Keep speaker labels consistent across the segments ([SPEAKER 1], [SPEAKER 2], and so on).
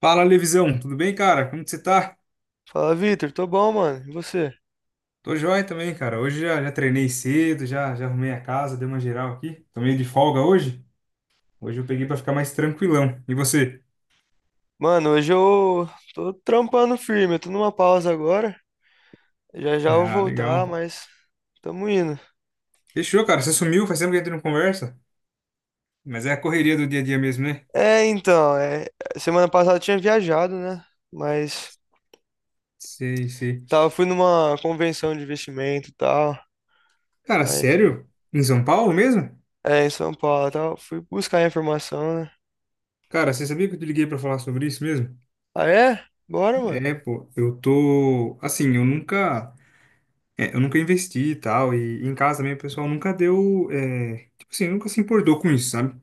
[SPEAKER 1] Fala, Levisão, tudo bem, cara? Como que você tá?
[SPEAKER 2] Fala, Vitor, tô bom, mano. E você?
[SPEAKER 1] Tô joia também, cara. Hoje já treinei cedo, já arrumei a casa, dei uma geral aqui. Tô meio de folga hoje. Hoje eu peguei pra ficar mais tranquilão. E você?
[SPEAKER 2] Mano, hoje eu tô trampando firme, eu tô numa pausa agora. Já já eu vou
[SPEAKER 1] Ah,
[SPEAKER 2] voltar,
[SPEAKER 1] legal.
[SPEAKER 2] mas tamo indo.
[SPEAKER 1] Fechou, cara. Você sumiu, faz tempo que a gente não conversa. Mas é a correria do dia a dia mesmo, né?
[SPEAKER 2] É, então, é, semana passada eu tinha viajado, né? Mas
[SPEAKER 1] Sei, sei.
[SPEAKER 2] fui numa convenção de investimento e tal.
[SPEAKER 1] Cara,
[SPEAKER 2] Aí,
[SPEAKER 1] sério? Em São Paulo mesmo?
[SPEAKER 2] em São Paulo e tal. Fui buscar informação, né?
[SPEAKER 1] Cara, você sabia que eu te liguei pra falar sobre isso mesmo?
[SPEAKER 2] Ah, é? Bora, mano.
[SPEAKER 1] É, pô, eu tô. Assim, eu nunca. É, eu nunca investi e tal, e em casa também o pessoal nunca deu, é, tipo assim, nunca se importou com isso, sabe?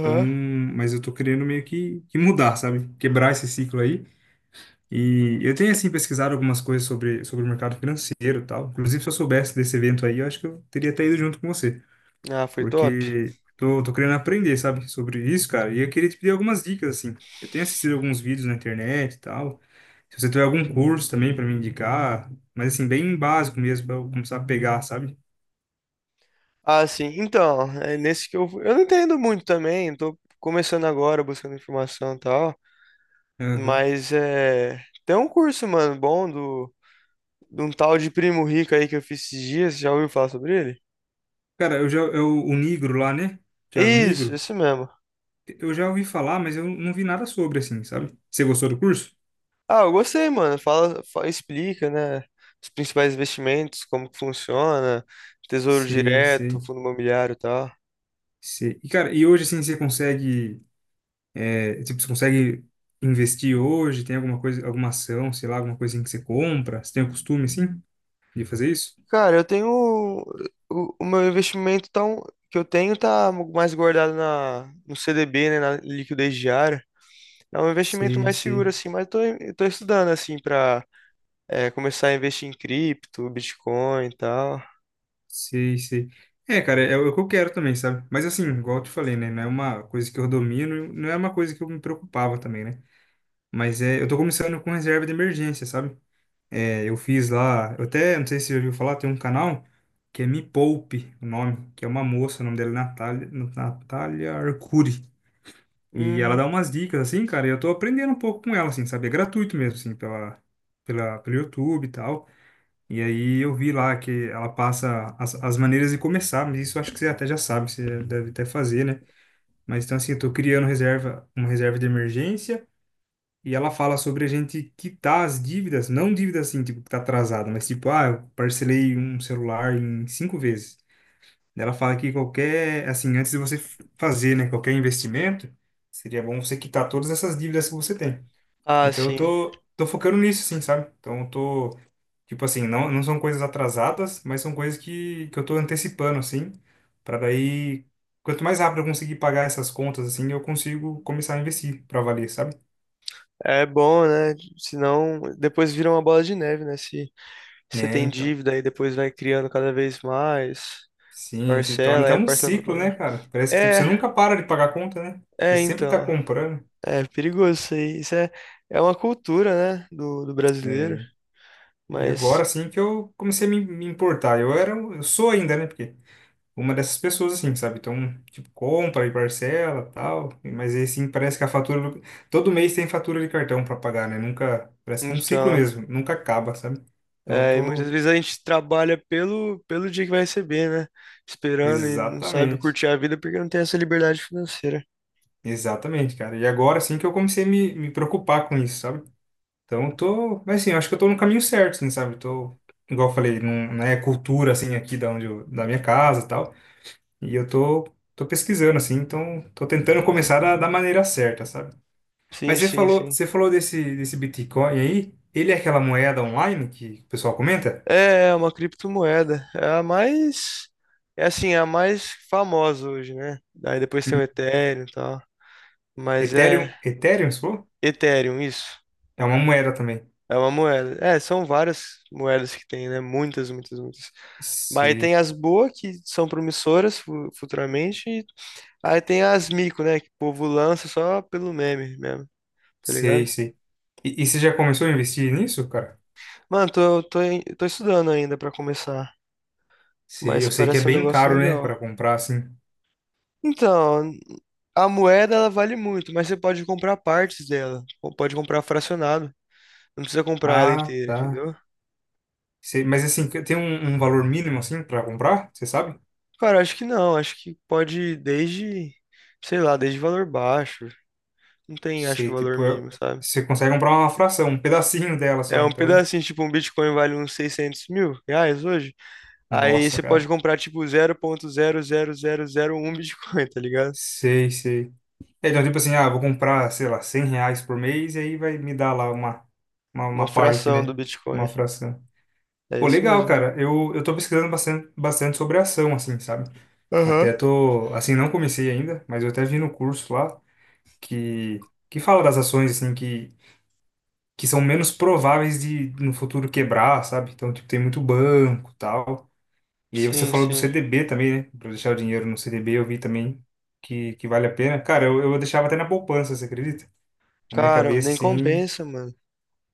[SPEAKER 1] Então, mas eu tô querendo meio que mudar, sabe? Quebrar esse ciclo aí. E eu tenho, assim, pesquisado algumas coisas sobre o mercado financeiro e tal. Inclusive, se eu soubesse desse evento aí, eu acho que eu teria até ido junto com você
[SPEAKER 2] Ah, foi top.
[SPEAKER 1] porque tô querendo aprender, sabe, sobre isso, cara. E eu queria te pedir algumas dicas, assim. Eu tenho assistido alguns vídeos na internet e tal. Se você tiver algum curso também para me indicar, mas assim, bem básico mesmo, para eu começar a pegar, sabe?
[SPEAKER 2] Ah, sim. Então, é nesse que eu. Eu não entendo muito também, tô começando agora, buscando informação e tal.
[SPEAKER 1] Aham.
[SPEAKER 2] Mas é. Tem um curso, mano, bom de um tal de Primo Rico aí que eu fiz esses dias. Já ouviu falar sobre ele?
[SPEAKER 1] Cara, eu, o Nigro lá, né? Thiago
[SPEAKER 2] Isso,
[SPEAKER 1] Nigro,
[SPEAKER 2] esse mesmo.
[SPEAKER 1] eu já ouvi falar, mas eu não vi nada sobre, assim, sabe? Você gostou do curso?
[SPEAKER 2] Ah, eu gostei, mano. Fala, explica, né? Os principais investimentos, como que funciona, tesouro
[SPEAKER 1] Sei,
[SPEAKER 2] direto,
[SPEAKER 1] sei,
[SPEAKER 2] fundo imobiliário e tal.
[SPEAKER 1] sei. E, cara, e hoje, assim, você consegue. É, tipo, você consegue investir hoje? Tem alguma coisa, alguma ação, sei lá, alguma coisinha que você compra? Você tem o costume, assim, de fazer isso?
[SPEAKER 2] Cara, eu tenho. O meu investimento, que eu tenho tá mais guardado no CDB, né? Na liquidez diária. É um investimento
[SPEAKER 1] Sei,
[SPEAKER 2] mais seguro,
[SPEAKER 1] sei,
[SPEAKER 2] assim, eu tô estudando, assim, pra começar a investir em cripto, Bitcoin e tal.
[SPEAKER 1] sei, sei. É, cara, é o que eu quero também, sabe? Mas assim, igual eu te falei, né? Não é uma coisa que eu domino, não é uma coisa que eu me preocupava também, né? Mas é, eu tô começando com reserva de emergência, sabe? É, eu fiz lá, eu até, não sei se você já ouviu falar, tem um canal que é Me Poupe, o nome, que é uma moça, o nome dela é Natália, Natália Arcuri. E ela
[SPEAKER 2] Hum,
[SPEAKER 1] dá umas dicas, assim, cara, e eu tô aprendendo um pouco com ela, assim, sabe? É gratuito mesmo, assim, pelo YouTube e tal. E aí eu vi lá que ela passa as maneiras de começar, mas isso eu acho que você até já sabe, você deve até fazer, né? Mas então, assim, eu tô criando reserva, uma reserva de emergência, e ela fala sobre a gente quitar as dívidas, não dívidas assim, tipo, que tá atrasada, mas tipo, ah, eu parcelei um celular em cinco vezes. Ela fala que qualquer, assim, antes de você fazer, né, qualquer investimento, seria bom você quitar todas essas dívidas que você tem.
[SPEAKER 2] ah,
[SPEAKER 1] Então eu
[SPEAKER 2] sim.
[SPEAKER 1] tô focando nisso, assim, sabe? Então eu tô, tipo assim, não, não são coisas atrasadas, mas são coisas que eu tô antecipando, assim, para daí, quanto mais rápido eu conseguir pagar essas contas, assim, eu consigo começar a investir para valer, sabe?
[SPEAKER 2] É bom, né? Senão depois vira uma bola de neve, né? Se você
[SPEAKER 1] Né,
[SPEAKER 2] tem
[SPEAKER 1] então.
[SPEAKER 2] dívida e depois vai criando cada vez mais
[SPEAKER 1] Sim, se torna
[SPEAKER 2] parcela,
[SPEAKER 1] até
[SPEAKER 2] é
[SPEAKER 1] um
[SPEAKER 2] parcela pra
[SPEAKER 1] ciclo, né,
[SPEAKER 2] pagar.
[SPEAKER 1] cara? Parece que, tipo, você
[SPEAKER 2] É,
[SPEAKER 1] nunca para de pagar a conta, né? Você
[SPEAKER 2] é
[SPEAKER 1] sempre tá
[SPEAKER 2] então.
[SPEAKER 1] comprando.
[SPEAKER 2] É perigoso isso aí. É uma cultura, né? Do brasileiro.
[SPEAKER 1] É. E
[SPEAKER 2] Mas,
[SPEAKER 1] agora sim que eu comecei a me importar. Eu sou ainda, né? Porque uma dessas pessoas, assim, sabe? Então, tipo, compra e parcela tal. Mas aí, assim, parece que a fatura. Todo mês tem fatura de cartão pra pagar, né? Nunca. Parece que é um ciclo
[SPEAKER 2] então.
[SPEAKER 1] mesmo. Nunca acaba, sabe? Então, eu
[SPEAKER 2] É, e muitas
[SPEAKER 1] tô.
[SPEAKER 2] vezes a gente trabalha pelo dia que vai receber, né? Esperando e não sabe
[SPEAKER 1] Exatamente.
[SPEAKER 2] curtir a vida porque não tem essa liberdade financeira.
[SPEAKER 1] Exatamente, cara. E agora sim que eu comecei a me preocupar com isso, sabe? Então, eu tô. Mas, assim, eu acho que eu tô no caminho certo, assim, sabe? Eu tô. Igual eu falei, não, não é cultura, assim, aqui da minha casa tal. E eu tô pesquisando, assim, então tô tentando começar da maneira certa, sabe?
[SPEAKER 2] Sim,
[SPEAKER 1] Mas
[SPEAKER 2] sim, sim.
[SPEAKER 1] você falou desse Bitcoin aí, ele é aquela moeda online que o pessoal comenta?
[SPEAKER 2] É uma criptomoeda. É a mais. É assim, é a mais famosa hoje, né? Aí depois tem o
[SPEAKER 1] Hum.
[SPEAKER 2] Ethereum e tal. Mas
[SPEAKER 1] Ethereum,
[SPEAKER 2] é.
[SPEAKER 1] Ethereum, você falou?
[SPEAKER 2] Ethereum, isso.
[SPEAKER 1] É uma moeda também.
[SPEAKER 2] É uma moeda. É, são várias moedas que tem, né? Muitas, muitas, muitas. Mas tem
[SPEAKER 1] Sei,
[SPEAKER 2] as boas, que são promissoras futuramente. Aí tem as mico, né? Que o povo lança só pelo meme mesmo, tá
[SPEAKER 1] sei,
[SPEAKER 2] ligado?
[SPEAKER 1] sei. E você já começou a investir nisso, cara?
[SPEAKER 2] Mano, tô estudando ainda pra começar.
[SPEAKER 1] Sei,
[SPEAKER 2] Mas
[SPEAKER 1] eu sei que é
[SPEAKER 2] parece um
[SPEAKER 1] bem
[SPEAKER 2] negócio
[SPEAKER 1] caro, né, para
[SPEAKER 2] legal.
[SPEAKER 1] comprar, assim.
[SPEAKER 2] Então. A moeda ela vale muito, mas você pode comprar partes dela, ou pode comprar fracionado, não precisa comprar ela
[SPEAKER 1] Ah,
[SPEAKER 2] inteira,
[SPEAKER 1] tá.
[SPEAKER 2] entendeu?
[SPEAKER 1] Sei, mas assim, tem um, um valor mínimo, assim, para comprar? Você sabe?
[SPEAKER 2] Cara, acho que não, acho que pode ir desde, sei lá, desde valor baixo, não tem acho que
[SPEAKER 1] Sei,
[SPEAKER 2] valor
[SPEAKER 1] tipo,
[SPEAKER 2] mínimo, sabe?
[SPEAKER 1] você consegue comprar uma fração, um pedacinho dela só,
[SPEAKER 2] É um
[SPEAKER 1] então.
[SPEAKER 2] pedacinho, tipo um Bitcoin vale uns R$ 600.000 hoje, aí
[SPEAKER 1] Nossa,
[SPEAKER 2] você pode
[SPEAKER 1] cara.
[SPEAKER 2] comprar tipo 0,00001 Bitcoin, tá ligado?
[SPEAKER 1] Sei, sei. É, então, tipo assim, ah, vou comprar, sei lá, R$ 100 por mês e aí vai me dar lá uma, uma,
[SPEAKER 2] Uma
[SPEAKER 1] uma parte,
[SPEAKER 2] fração do
[SPEAKER 1] né? Uma
[SPEAKER 2] Bitcoin,
[SPEAKER 1] fração.
[SPEAKER 2] é
[SPEAKER 1] Pô,
[SPEAKER 2] isso
[SPEAKER 1] legal,
[SPEAKER 2] mesmo.
[SPEAKER 1] cara. Eu tô pesquisando bastante, bastante sobre ação, assim, sabe?
[SPEAKER 2] Aham.
[SPEAKER 1] Até tô, assim, não comecei ainda, mas eu até vi no curso lá que fala das ações, assim, que são menos prováveis de no futuro quebrar, sabe? Então, tipo, tem muito banco, tal. E aí você
[SPEAKER 2] Sim,
[SPEAKER 1] falou do
[SPEAKER 2] sim.
[SPEAKER 1] CDB também, né? Pra deixar o dinheiro no CDB, eu vi também que vale a pena. Cara, eu deixava até na poupança, você acredita? Na minha
[SPEAKER 2] Cara,
[SPEAKER 1] cabeça,
[SPEAKER 2] nem
[SPEAKER 1] assim.
[SPEAKER 2] compensa, mano.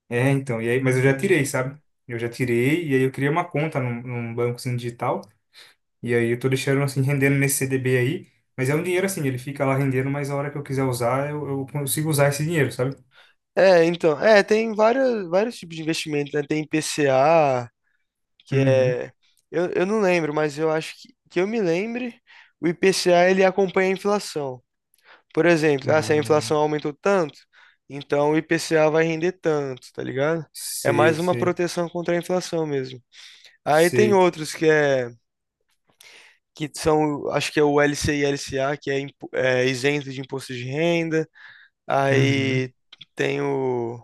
[SPEAKER 1] É, então. E aí, mas eu já
[SPEAKER 2] Entendi.
[SPEAKER 1] tirei, sabe? Eu já tirei, e aí eu criei uma conta num banco assim, digital. E aí eu tô deixando assim, rendendo nesse CDB aí. Mas é um dinheiro assim, ele fica lá rendendo, mas a hora que eu quiser usar, eu consigo usar esse dinheiro, sabe?
[SPEAKER 2] Tem vários tipos de investimento, né? Tem IPCA, que
[SPEAKER 1] Uhum.
[SPEAKER 2] é, eu, eu não lembro, mas eu acho que eu me lembre, o IPCA ele acompanha a inflação. Por exemplo, ah, se a inflação
[SPEAKER 1] Ah,
[SPEAKER 2] aumentou tanto, então o IPCA vai render tanto, tá ligado? É
[SPEAKER 1] sei,
[SPEAKER 2] mais uma
[SPEAKER 1] sei,
[SPEAKER 2] proteção contra a inflação mesmo. Aí tem
[SPEAKER 1] sei.
[SPEAKER 2] outros que que são, acho que é o LCI e LCA, que é, é isento de imposto de renda.
[SPEAKER 1] Uhum.
[SPEAKER 2] Aí tem o.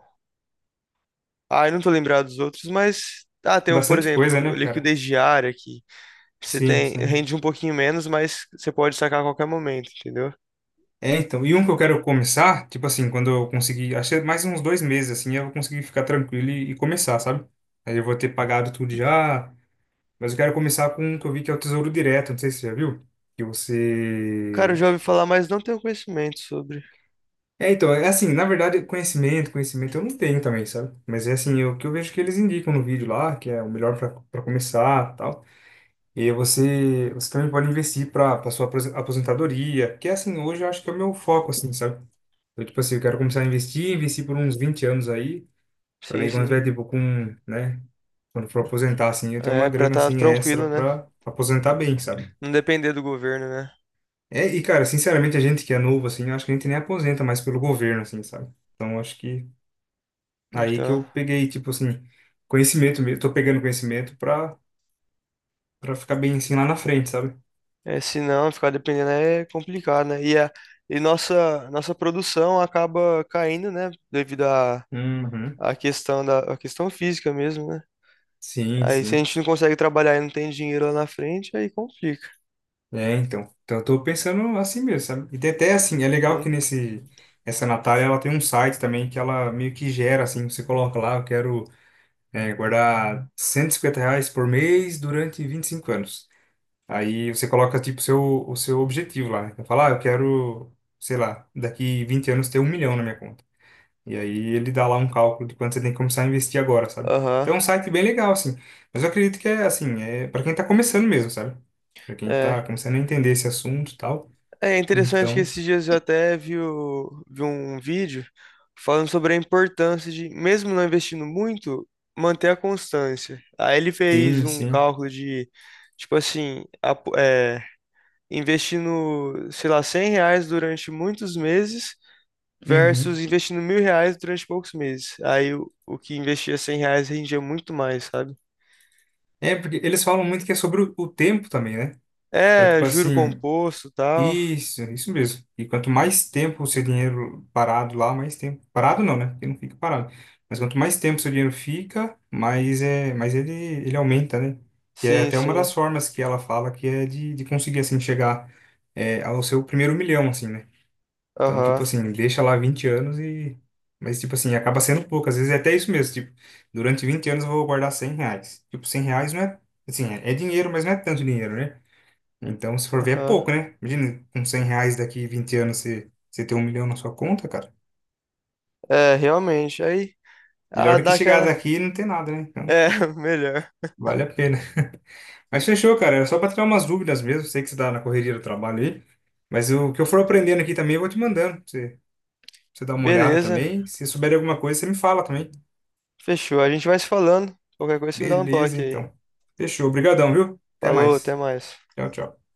[SPEAKER 2] Ah, eu não tô lembrado dos outros, mas ah, tem um, por
[SPEAKER 1] Bastante
[SPEAKER 2] exemplo,
[SPEAKER 1] coisa,
[SPEAKER 2] o
[SPEAKER 1] né, cara?
[SPEAKER 2] liquidez diária que você
[SPEAKER 1] Sim,
[SPEAKER 2] tem,
[SPEAKER 1] sim.
[SPEAKER 2] rende um pouquinho menos, mas você pode sacar a qualquer momento, entendeu?
[SPEAKER 1] É, então, e um que eu quero começar, tipo assim, quando eu conseguir, acho que é mais uns 2 meses, assim, eu vou conseguir ficar tranquilo e começar, sabe? Aí eu vou ter pagado tudo já, mas eu quero começar com um que eu vi que é o Tesouro Direto, não sei se você já viu, que
[SPEAKER 2] Cara, eu
[SPEAKER 1] você...
[SPEAKER 2] já ouvi falar, mas não tenho conhecimento sobre.
[SPEAKER 1] É, então, é assim, na verdade, conhecimento, conhecimento eu não tenho também, sabe? Mas é assim, o que eu vejo que eles indicam no vídeo lá, que é o melhor para começar, tal. E aí você também pode investir para sua aposentadoria, que é assim, hoje eu acho que é o meu foco, assim, sabe? Então, tipo assim, eu quero começar a investir por uns 20 anos aí, para
[SPEAKER 2] Sim,
[SPEAKER 1] daí quando tiver,
[SPEAKER 2] sim.
[SPEAKER 1] tipo, com, né, quando for aposentar, assim, eu tenho uma
[SPEAKER 2] É pra
[SPEAKER 1] grana,
[SPEAKER 2] estar
[SPEAKER 1] assim, extra
[SPEAKER 2] tranquilo, né?
[SPEAKER 1] para aposentar bem, sabe?
[SPEAKER 2] Não depender do governo, né?
[SPEAKER 1] É, e, cara, sinceramente, a gente que é novo, assim, eu acho que a gente nem aposenta mais pelo governo, assim, sabe? Então, eu acho que aí que
[SPEAKER 2] Então,
[SPEAKER 1] eu peguei, tipo assim, conhecimento mesmo, tô pegando conhecimento para ficar bem, assim, lá na frente, sabe?
[SPEAKER 2] é, se não ficar dependendo é complicado, né? E nossa produção acaba caindo, né, devido à
[SPEAKER 1] Uhum.
[SPEAKER 2] à questão da à questão física mesmo, né?
[SPEAKER 1] Sim,
[SPEAKER 2] Aí se a
[SPEAKER 1] sim.
[SPEAKER 2] gente não consegue trabalhar e não tem dinheiro lá na frente, aí complica.
[SPEAKER 1] É, então. Então, eu tô pensando assim mesmo, sabe? E tem até assim, é legal que
[SPEAKER 2] Uhum.
[SPEAKER 1] nesse. Essa Natália, ela tem um site também que ela meio que gera, assim, você coloca lá, eu quero é, guardar R$ 150 por mês durante 25 anos. Aí você coloca, tipo, o seu objetivo lá, né? Fala, ah, eu quero, sei lá, daqui 20 anos ter 1 milhão na minha conta. E aí ele dá lá um cálculo de quanto você tem que começar a investir agora, sabe?
[SPEAKER 2] Aham,
[SPEAKER 1] Então é um site bem legal, assim. Mas eu acredito que é, assim, é para quem tá começando mesmo, sabe? Para quem
[SPEAKER 2] é.
[SPEAKER 1] tá começando a entender esse assunto e tal.
[SPEAKER 2] É interessante que
[SPEAKER 1] Então,
[SPEAKER 2] esses dias eu até vi, vi um vídeo falando sobre a importância de, mesmo não investindo muito, manter a constância. Aí ele fez
[SPEAKER 1] sim,
[SPEAKER 2] um
[SPEAKER 1] sim.
[SPEAKER 2] cálculo de, tipo assim, investindo, sei lá, R$ 100 durante muitos meses versus
[SPEAKER 1] Uhum.
[SPEAKER 2] investindo R$ 1.000 durante poucos meses. Aí o que investia R$ 100 rendia muito mais, sabe?
[SPEAKER 1] É, porque eles falam muito que é sobre o tempo também, né? Então,
[SPEAKER 2] É,
[SPEAKER 1] tipo
[SPEAKER 2] juro
[SPEAKER 1] assim,
[SPEAKER 2] composto e tal.
[SPEAKER 1] isso, é isso mesmo. E quanto mais tempo o seu dinheiro parado lá, mais tempo. Parado não, né? Porque não fica parado. Mas quanto mais tempo o seu dinheiro fica, mais, é, mais ele aumenta, né? Que é
[SPEAKER 2] Sim,
[SPEAKER 1] até uma
[SPEAKER 2] sim.
[SPEAKER 1] das formas que ela fala que é de conseguir, assim, chegar ao seu primeiro milhão, assim, né? Então, tipo
[SPEAKER 2] Aham,
[SPEAKER 1] assim, deixa lá 20 anos e. Mas, tipo assim, acaba sendo pouco. Às vezes é até isso mesmo. Tipo, durante 20 anos eu vou guardar R$ 100. Tipo, R$ 100 não é. Assim, é dinheiro, mas não é tanto dinheiro, né? Então, se for ver, é
[SPEAKER 2] aham.
[SPEAKER 1] pouco, né? Imagina, com R$ 100 daqui 20 anos você ter 1 milhão na sua conta, cara.
[SPEAKER 2] É, realmente. Aí,
[SPEAKER 1] Melhor
[SPEAKER 2] ah,
[SPEAKER 1] do que
[SPEAKER 2] dá
[SPEAKER 1] chegar
[SPEAKER 2] aquela.
[SPEAKER 1] daqui e não ter nada, né? Então,
[SPEAKER 2] É, melhor.
[SPEAKER 1] vale a pena. Mas fechou, cara. Era só pra tirar umas dúvidas mesmo. Sei que você tá na correria do trabalho aí. Mas o que eu for aprendendo aqui também, eu vou te mandando pra você, pra você dá uma olhada
[SPEAKER 2] Beleza.
[SPEAKER 1] também. Se souber de alguma coisa, você me fala também.
[SPEAKER 2] Fechou. A gente vai se falando. Qualquer coisa, você me dá um
[SPEAKER 1] Beleza,
[SPEAKER 2] toque aí.
[SPEAKER 1] então. Fechou. Obrigadão, viu? Até
[SPEAKER 2] Falou, até
[SPEAKER 1] mais.
[SPEAKER 2] mais.
[SPEAKER 1] Tchau, tchau.